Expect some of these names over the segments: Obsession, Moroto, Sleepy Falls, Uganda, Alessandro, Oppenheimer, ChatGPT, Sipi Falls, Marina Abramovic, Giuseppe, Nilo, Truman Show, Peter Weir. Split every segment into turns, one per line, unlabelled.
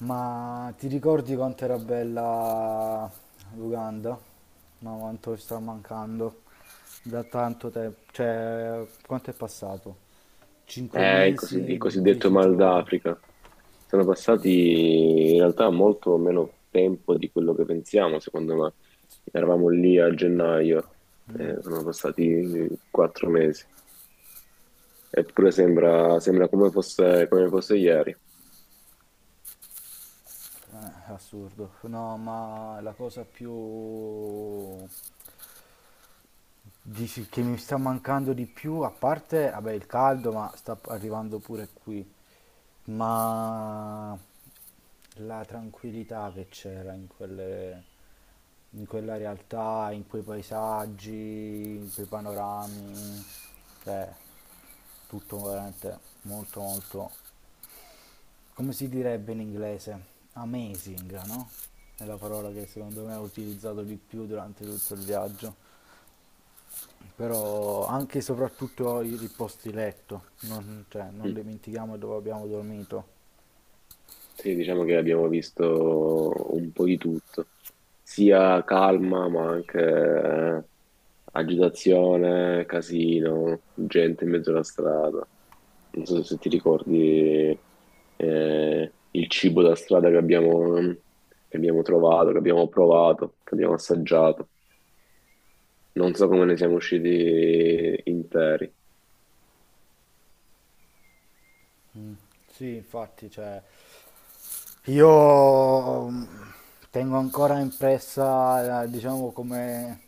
Ma ti ricordi quanto era bella l'Uganda? Ma quanto ci sta mancando da tanto tempo. Cioè, quanto è passato? 5 mesi
Il
e
cosiddetto
10
mal
giorni.
d'Africa. Sono passati in realtà molto meno tempo di quello che pensiamo, secondo me. Eravamo lì a gennaio, sono passati 4 mesi, eppure sembra come fosse ieri.
Assurdo. No, ma la cosa più... Dici che mi sta mancando di più, a parte, vabbè, il caldo, ma sta arrivando pure qui, ma la tranquillità che c'era in quelle, in quella realtà, in quei paesaggi, in quei panorami, cioè tutto veramente molto molto, come si direbbe in inglese? Amazing, no? È la parola che secondo me ho utilizzato di più durante tutto il viaggio. Però anche e soprattutto i posti letto, non, cioè, non
Mm.
dimentichiamo dove abbiamo dormito.
Sì, diciamo che abbiamo visto un po' di tutto, sia calma ma anche agitazione, casino, gente in mezzo alla strada. Non so se ti ricordi il cibo da strada che abbiamo trovato, che abbiamo provato, che abbiamo assaggiato. Non so come ne siamo usciti interi.
Sì, infatti, cioè, io tengo ancora impressa, diciamo, come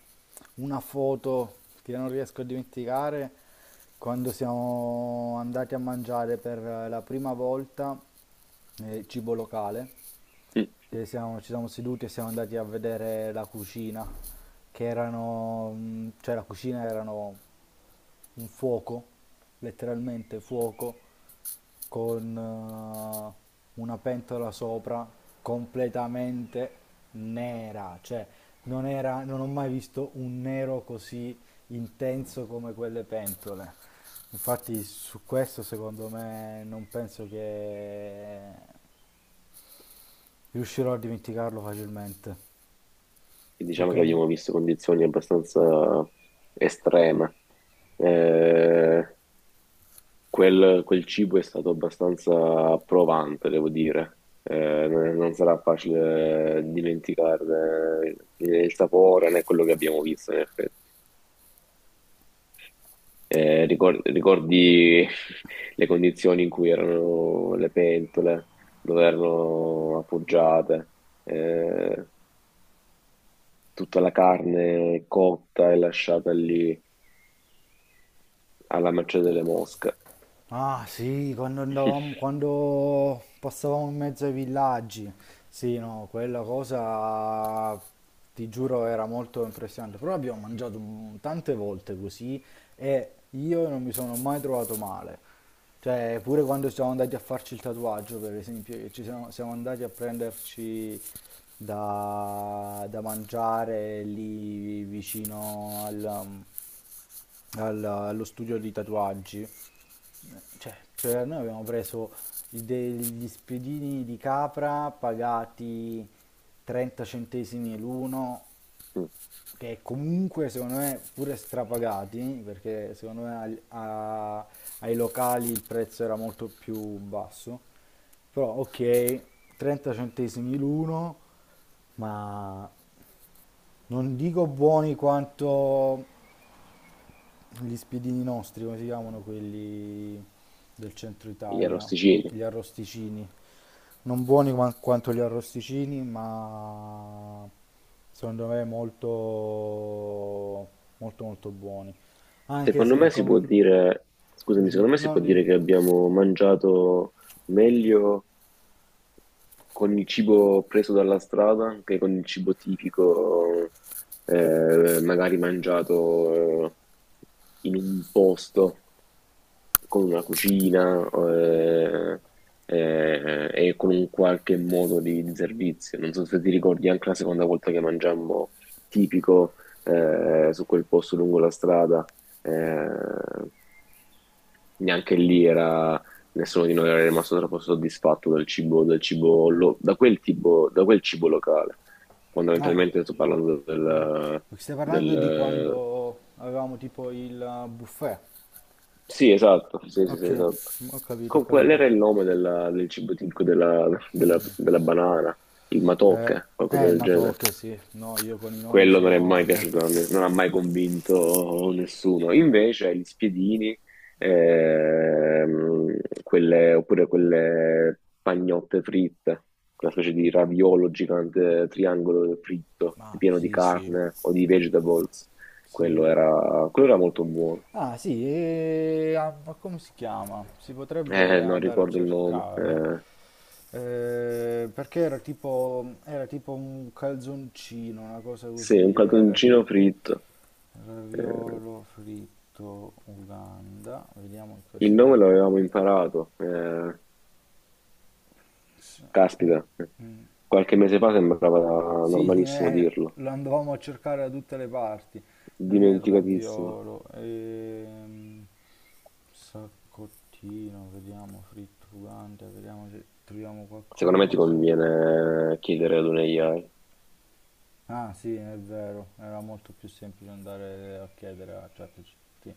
una foto che non riesco a dimenticare quando siamo andati a mangiare per la prima volta cibo locale.
Mm.
Ci siamo seduti e siamo andati a vedere la cucina, che erano, cioè la cucina erano un fuoco, letteralmente fuoco, con una pentola sopra completamente nera, cioè non era, non ho mai visto un nero così intenso come quelle pentole. Infatti su questo secondo me non penso che riuscirò a dimenticarlo facilmente.
E
You
diciamo che
can.
abbiamo visto condizioni abbastanza estreme. Eh, quel cibo è stato abbastanza provante, devo dire. Non sarà facile dimenticarne né il sapore né quello che abbiamo visto, in effetti. Ricordi le condizioni in cui erano le pentole, dove erano appoggiate, eh, tutta la carne cotta e lasciata lì alla mercé delle mosche.
Ah sì, quando andavamo, quando passavamo in mezzo ai villaggi, sì, no, quella cosa ti giuro era molto impressionante, però abbiamo mangiato tante volte così e io non mi sono mai trovato male, cioè pure quando siamo andati a farci il tatuaggio per esempio, che ci siamo, siamo andati a prenderci da, da mangiare lì vicino al, allo studio di tatuaggi. Cioè, cioè, noi abbiamo preso degli spiedini di capra pagati 30 centesimi l'uno,
Mm,
che comunque secondo me pure strapagati, perché secondo me ai locali il prezzo era molto più basso. Però ok, 30 centesimi l'uno, ma non dico buoni quanto gli spiedini nostri, come si chiamano quelli del centro
gli
Italia,
arrosticini.
gli arrosticini. Non buoni quanto gli arrosticini, ma secondo me molto molto molto buoni. Anche
Secondo
se
me
il
si può
come...
dire, scusami, secondo me si può
non dimmi.
dire che abbiamo mangiato meglio con il cibo preso dalla strada che con il cibo tipico, magari mangiato in un posto con una cucina e con un qualche modo di servizio. Non so se ti ricordi anche la seconda volta che mangiammo tipico su quel posto lungo la strada. Eh, neanche lì era Nessuno di noi era rimasto troppo soddisfatto dal cibo, del cibo da quel tipo, da quel cibo locale.
Ah, ecco.
Fondamentalmente sto parlando
Mhm.
del,
Stai parlando di
del-
quando avevamo tipo il buffet.
Sì, esatto, sì, sì, sì,
Ok,
esatto.
ho capito, ho
Qual
capito.
era il nome del cibo tipico della banana? Il
Eh,
matocche, qualcosa del
ma
genere.
tocca, sì. No, io con i nomi
Quello non è
sono
mai piaciuto,
molto...
non ha mai convinto nessuno. Invece gli spiedini, oppure quelle pagnotte fritte, una specie di raviolo gigante triangolo fritto,
Ah,
pieno di
sì, sì,
carne o di vegetables, quello
sì.
era, quello era molto buono.
Ah, sì, e... ah, ma come si chiama? Si potrebbe
Non
andare a
ricordo il nome.
cercare.
Eh,
Perché era tipo un calzoncino, una cosa
sì, un
così, era
cartoncino
tipo
fritto. Eh,
raviolo fritto Uganda. Vediamo
il
cos'è.
nome l'avevamo imparato.
S- mm,
Caspita.
mm.
Qualche mese fa sembrava
Sì,
normalissimo dirlo,
lo andavamo a cercare da tutte le parti. Non è il
dimenticatissimo.
raviolo. Saccottino, vediamo, frittugante, vediamo se troviamo
Secondo me ti
qualcosa.
conviene chiedere ad un AI.
Ah sì, è vero, era molto più semplice andare a chiedere a ChatGPT.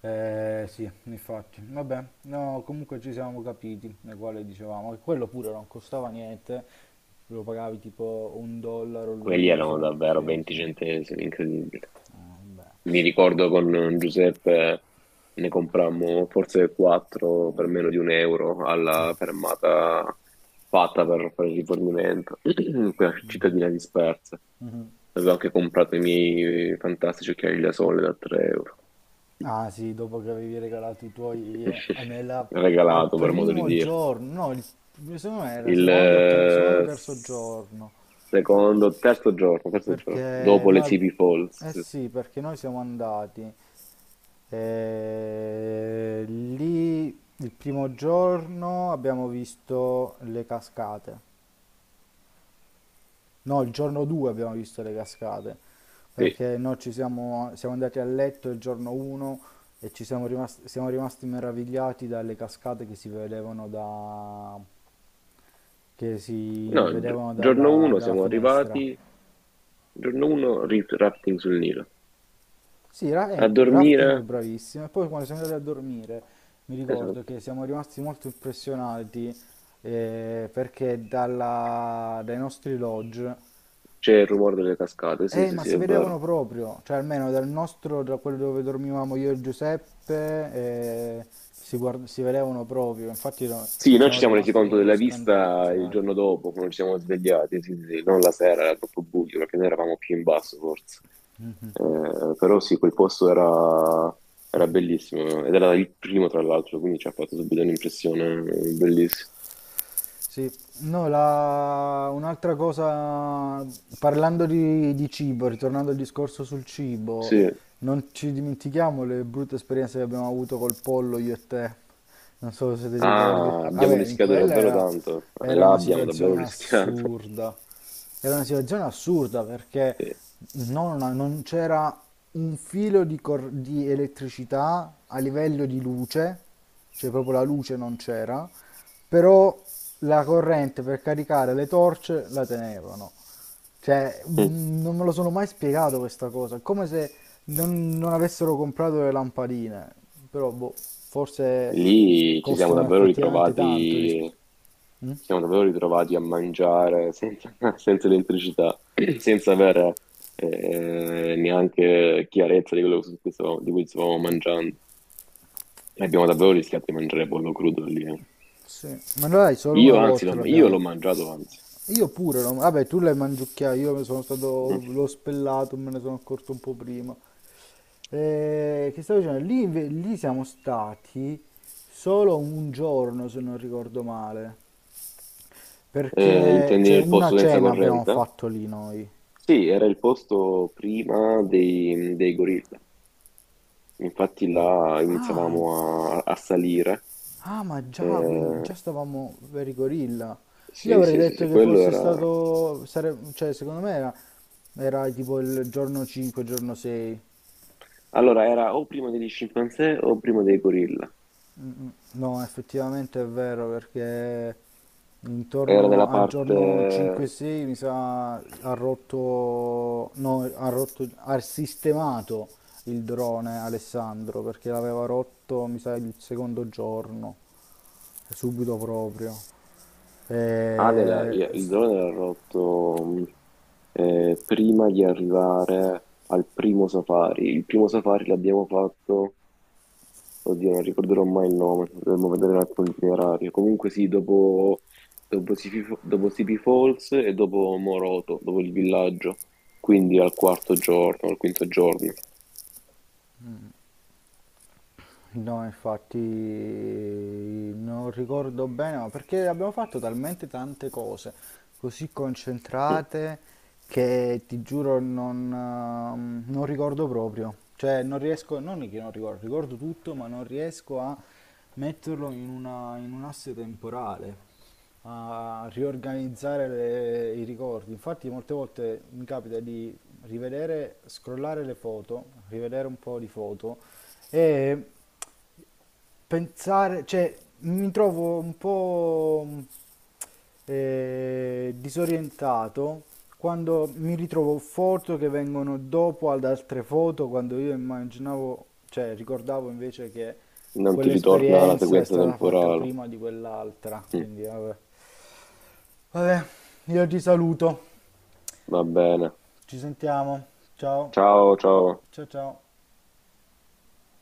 Eh sì, infatti, vabbè, no, comunque ci siamo capiti, nel quale dicevamo che quello pure non costava niente, lo pagavi tipo un dollaro
Quelli
l'uno, se...
erano davvero
sì,
20
sì,
centesimi, incredibile.
ah, vabbè.
Mi ricordo con Giuseppe ne comprammo forse quattro per meno di un euro alla fermata fatta per fare il rifornimento, quella cittadina dispersa.
Mm-hmm.
Avevo anche comprato i miei fantastici occhiali da sole da 3 euro.
Ah sì, dopo che avevi regalato i tuoi nella, al
Regalato, per modo di
primo
dire.
giorno, no, il, secondo me era
Il
secondo, o secondo o
eh,
terzo
s-
giorno,
secondo, terzo giorno,
perché
dopo le
noi,
Sleepy Falls.
eh
Sì,
sì, perché noi siamo andati lì il primo giorno abbiamo visto le cascate. No, il giorno 2 abbiamo visto le cascate,
sì.
perché noi ci siamo, siamo andati a letto il giorno 1 e ci siamo rimasti meravigliati dalle cascate che si vedevano, da, che si
No,
vedevano
giorno
dalla,
1
dalla
siamo
finestra.
arrivati, giorno 1 rafting sul Nilo.
Sì,
A dormire,
rafting bravissimo. E poi quando siamo andati a dormire, mi ricordo
esatto,
che siamo rimasti molto impressionati perché dai nostri lodge...
c'è il rumore delle cascate, sì, sì,
Ma
sì,
si
è
vedevano
vero.
proprio, cioè almeno dal nostro, da quello dove dormivamo io e Giuseppe, si, si vedevano proprio, infatti no,
Sì, noi ci
siamo
siamo resi
rimasti
conto
proprio
della vista il
scandalizzati.
giorno dopo, quando ci siamo svegliati, sì, sì, sì, non la sera, era troppo buio, perché noi eravamo più in basso, forse. Però sì, quel posto era bellissimo ed era il primo tra l'altro, quindi ci ha fatto subito un'impressione bellissima.
Sì, no, un'altra cosa, parlando di cibo, ritornando al discorso sul cibo,
Sì,
non ci dimentichiamo le brutte esperienze che abbiamo avuto col pollo io e te. Non so se ti ricordi.
ah, abbiamo
Vabbè, in
rischiato
quella
davvero
era,
tanto,
era
là
una
abbiamo davvero
situazione
rischiato.
assurda. Era una situazione assurda perché
Sì.
non, non c'era un filo di, di elettricità a livello di luce, cioè proprio la luce non c'era, però la corrente per caricare le torce la tenevano. Cioè,
Mm.
non me lo sono mai spiegato questa cosa. È come se non, non avessero comprato le lampadine. Però, boh, forse
Lì ci siamo
costano
davvero
effettivamente tanto.
ritrovati, ci
Mm?
siamo davvero ritrovati a mangiare senza, senza elettricità, senza avere neanche chiarezza di quello di cui stavamo mangiando. E abbiamo davvero rischiato di mangiare pollo crudo lì.
Sì. Ma noi solo
Io
una
anzi, l'ho
volta
io l'ho
l'abbiamo.
mangiato anzi.
Io pure, vabbè, tu l'hai mangiucchiato, io me sono stato,
Mm.
l'ho spellato, me ne sono accorto un po' prima. Che stavo dicendo? Lì, lì siamo stati solo un giorno, se non ricordo male, perché
Intendi
cioè,
il
una
posto senza
cena abbiamo
corrente?
fatto lì noi.
Sì, era il posto prima dei gorilla. Infatti là
Ah,
iniziavamo a salire.
ah, ma già, quindi
Eh,
già stavamo per i gorilla. Io
sì,
avrei
sì, sì,
detto
sì,
che
quello
fosse
era.
stato, cioè secondo me era, era tipo il giorno 5, giorno 6.
Allora, era o prima degli scimpanzé o prima dei gorilla.
Mm, mm. No, effettivamente è vero perché
Era della
intorno al giorno
parte.
5-6 mi sa ha rotto, no, ha rotto, ha sistemato il drone Alessandro perché l'aveva rotto mi sa il secondo giorno. Subito proprio.
Ale,
Eh,
il
s-
drone era rotto prima di arrivare al primo safari. Il primo safari l'abbiamo fatto. Oddio, non ricorderò mai il nome, dovremmo vedere un attimo l'itinerario. Comunque sì, dopo, Sipi, dopo Sipi Falls e dopo Moroto, dopo il villaggio, quindi al quarto giorno, al quinto giorno.
no, infatti non ricordo bene, ma perché abbiamo fatto talmente tante cose, così
Mm.
concentrate che ti giuro non, non ricordo proprio. Cioè non riesco, non che non ricordo, ricordo tutto, ma non riesco a metterlo in in un asse temporale a riorganizzare i ricordi. Infatti, molte volte mi capita di rivedere, scrollare le foto, rivedere un po' di foto e pensare, cioè, mi trovo un po' disorientato quando mi ritrovo foto che vengono dopo ad altre foto, quando io immaginavo, cioè, ricordavo invece che
Non ti ritorna la
quell'esperienza è
frequenza
stata fatta
temporale.
prima di quell'altra.
Mm.
Quindi, vabbè. Vabbè, io ti saluto.
Va bene.
Ci sentiamo. Ciao.
Ciao, ciao.
Ciao, ciao.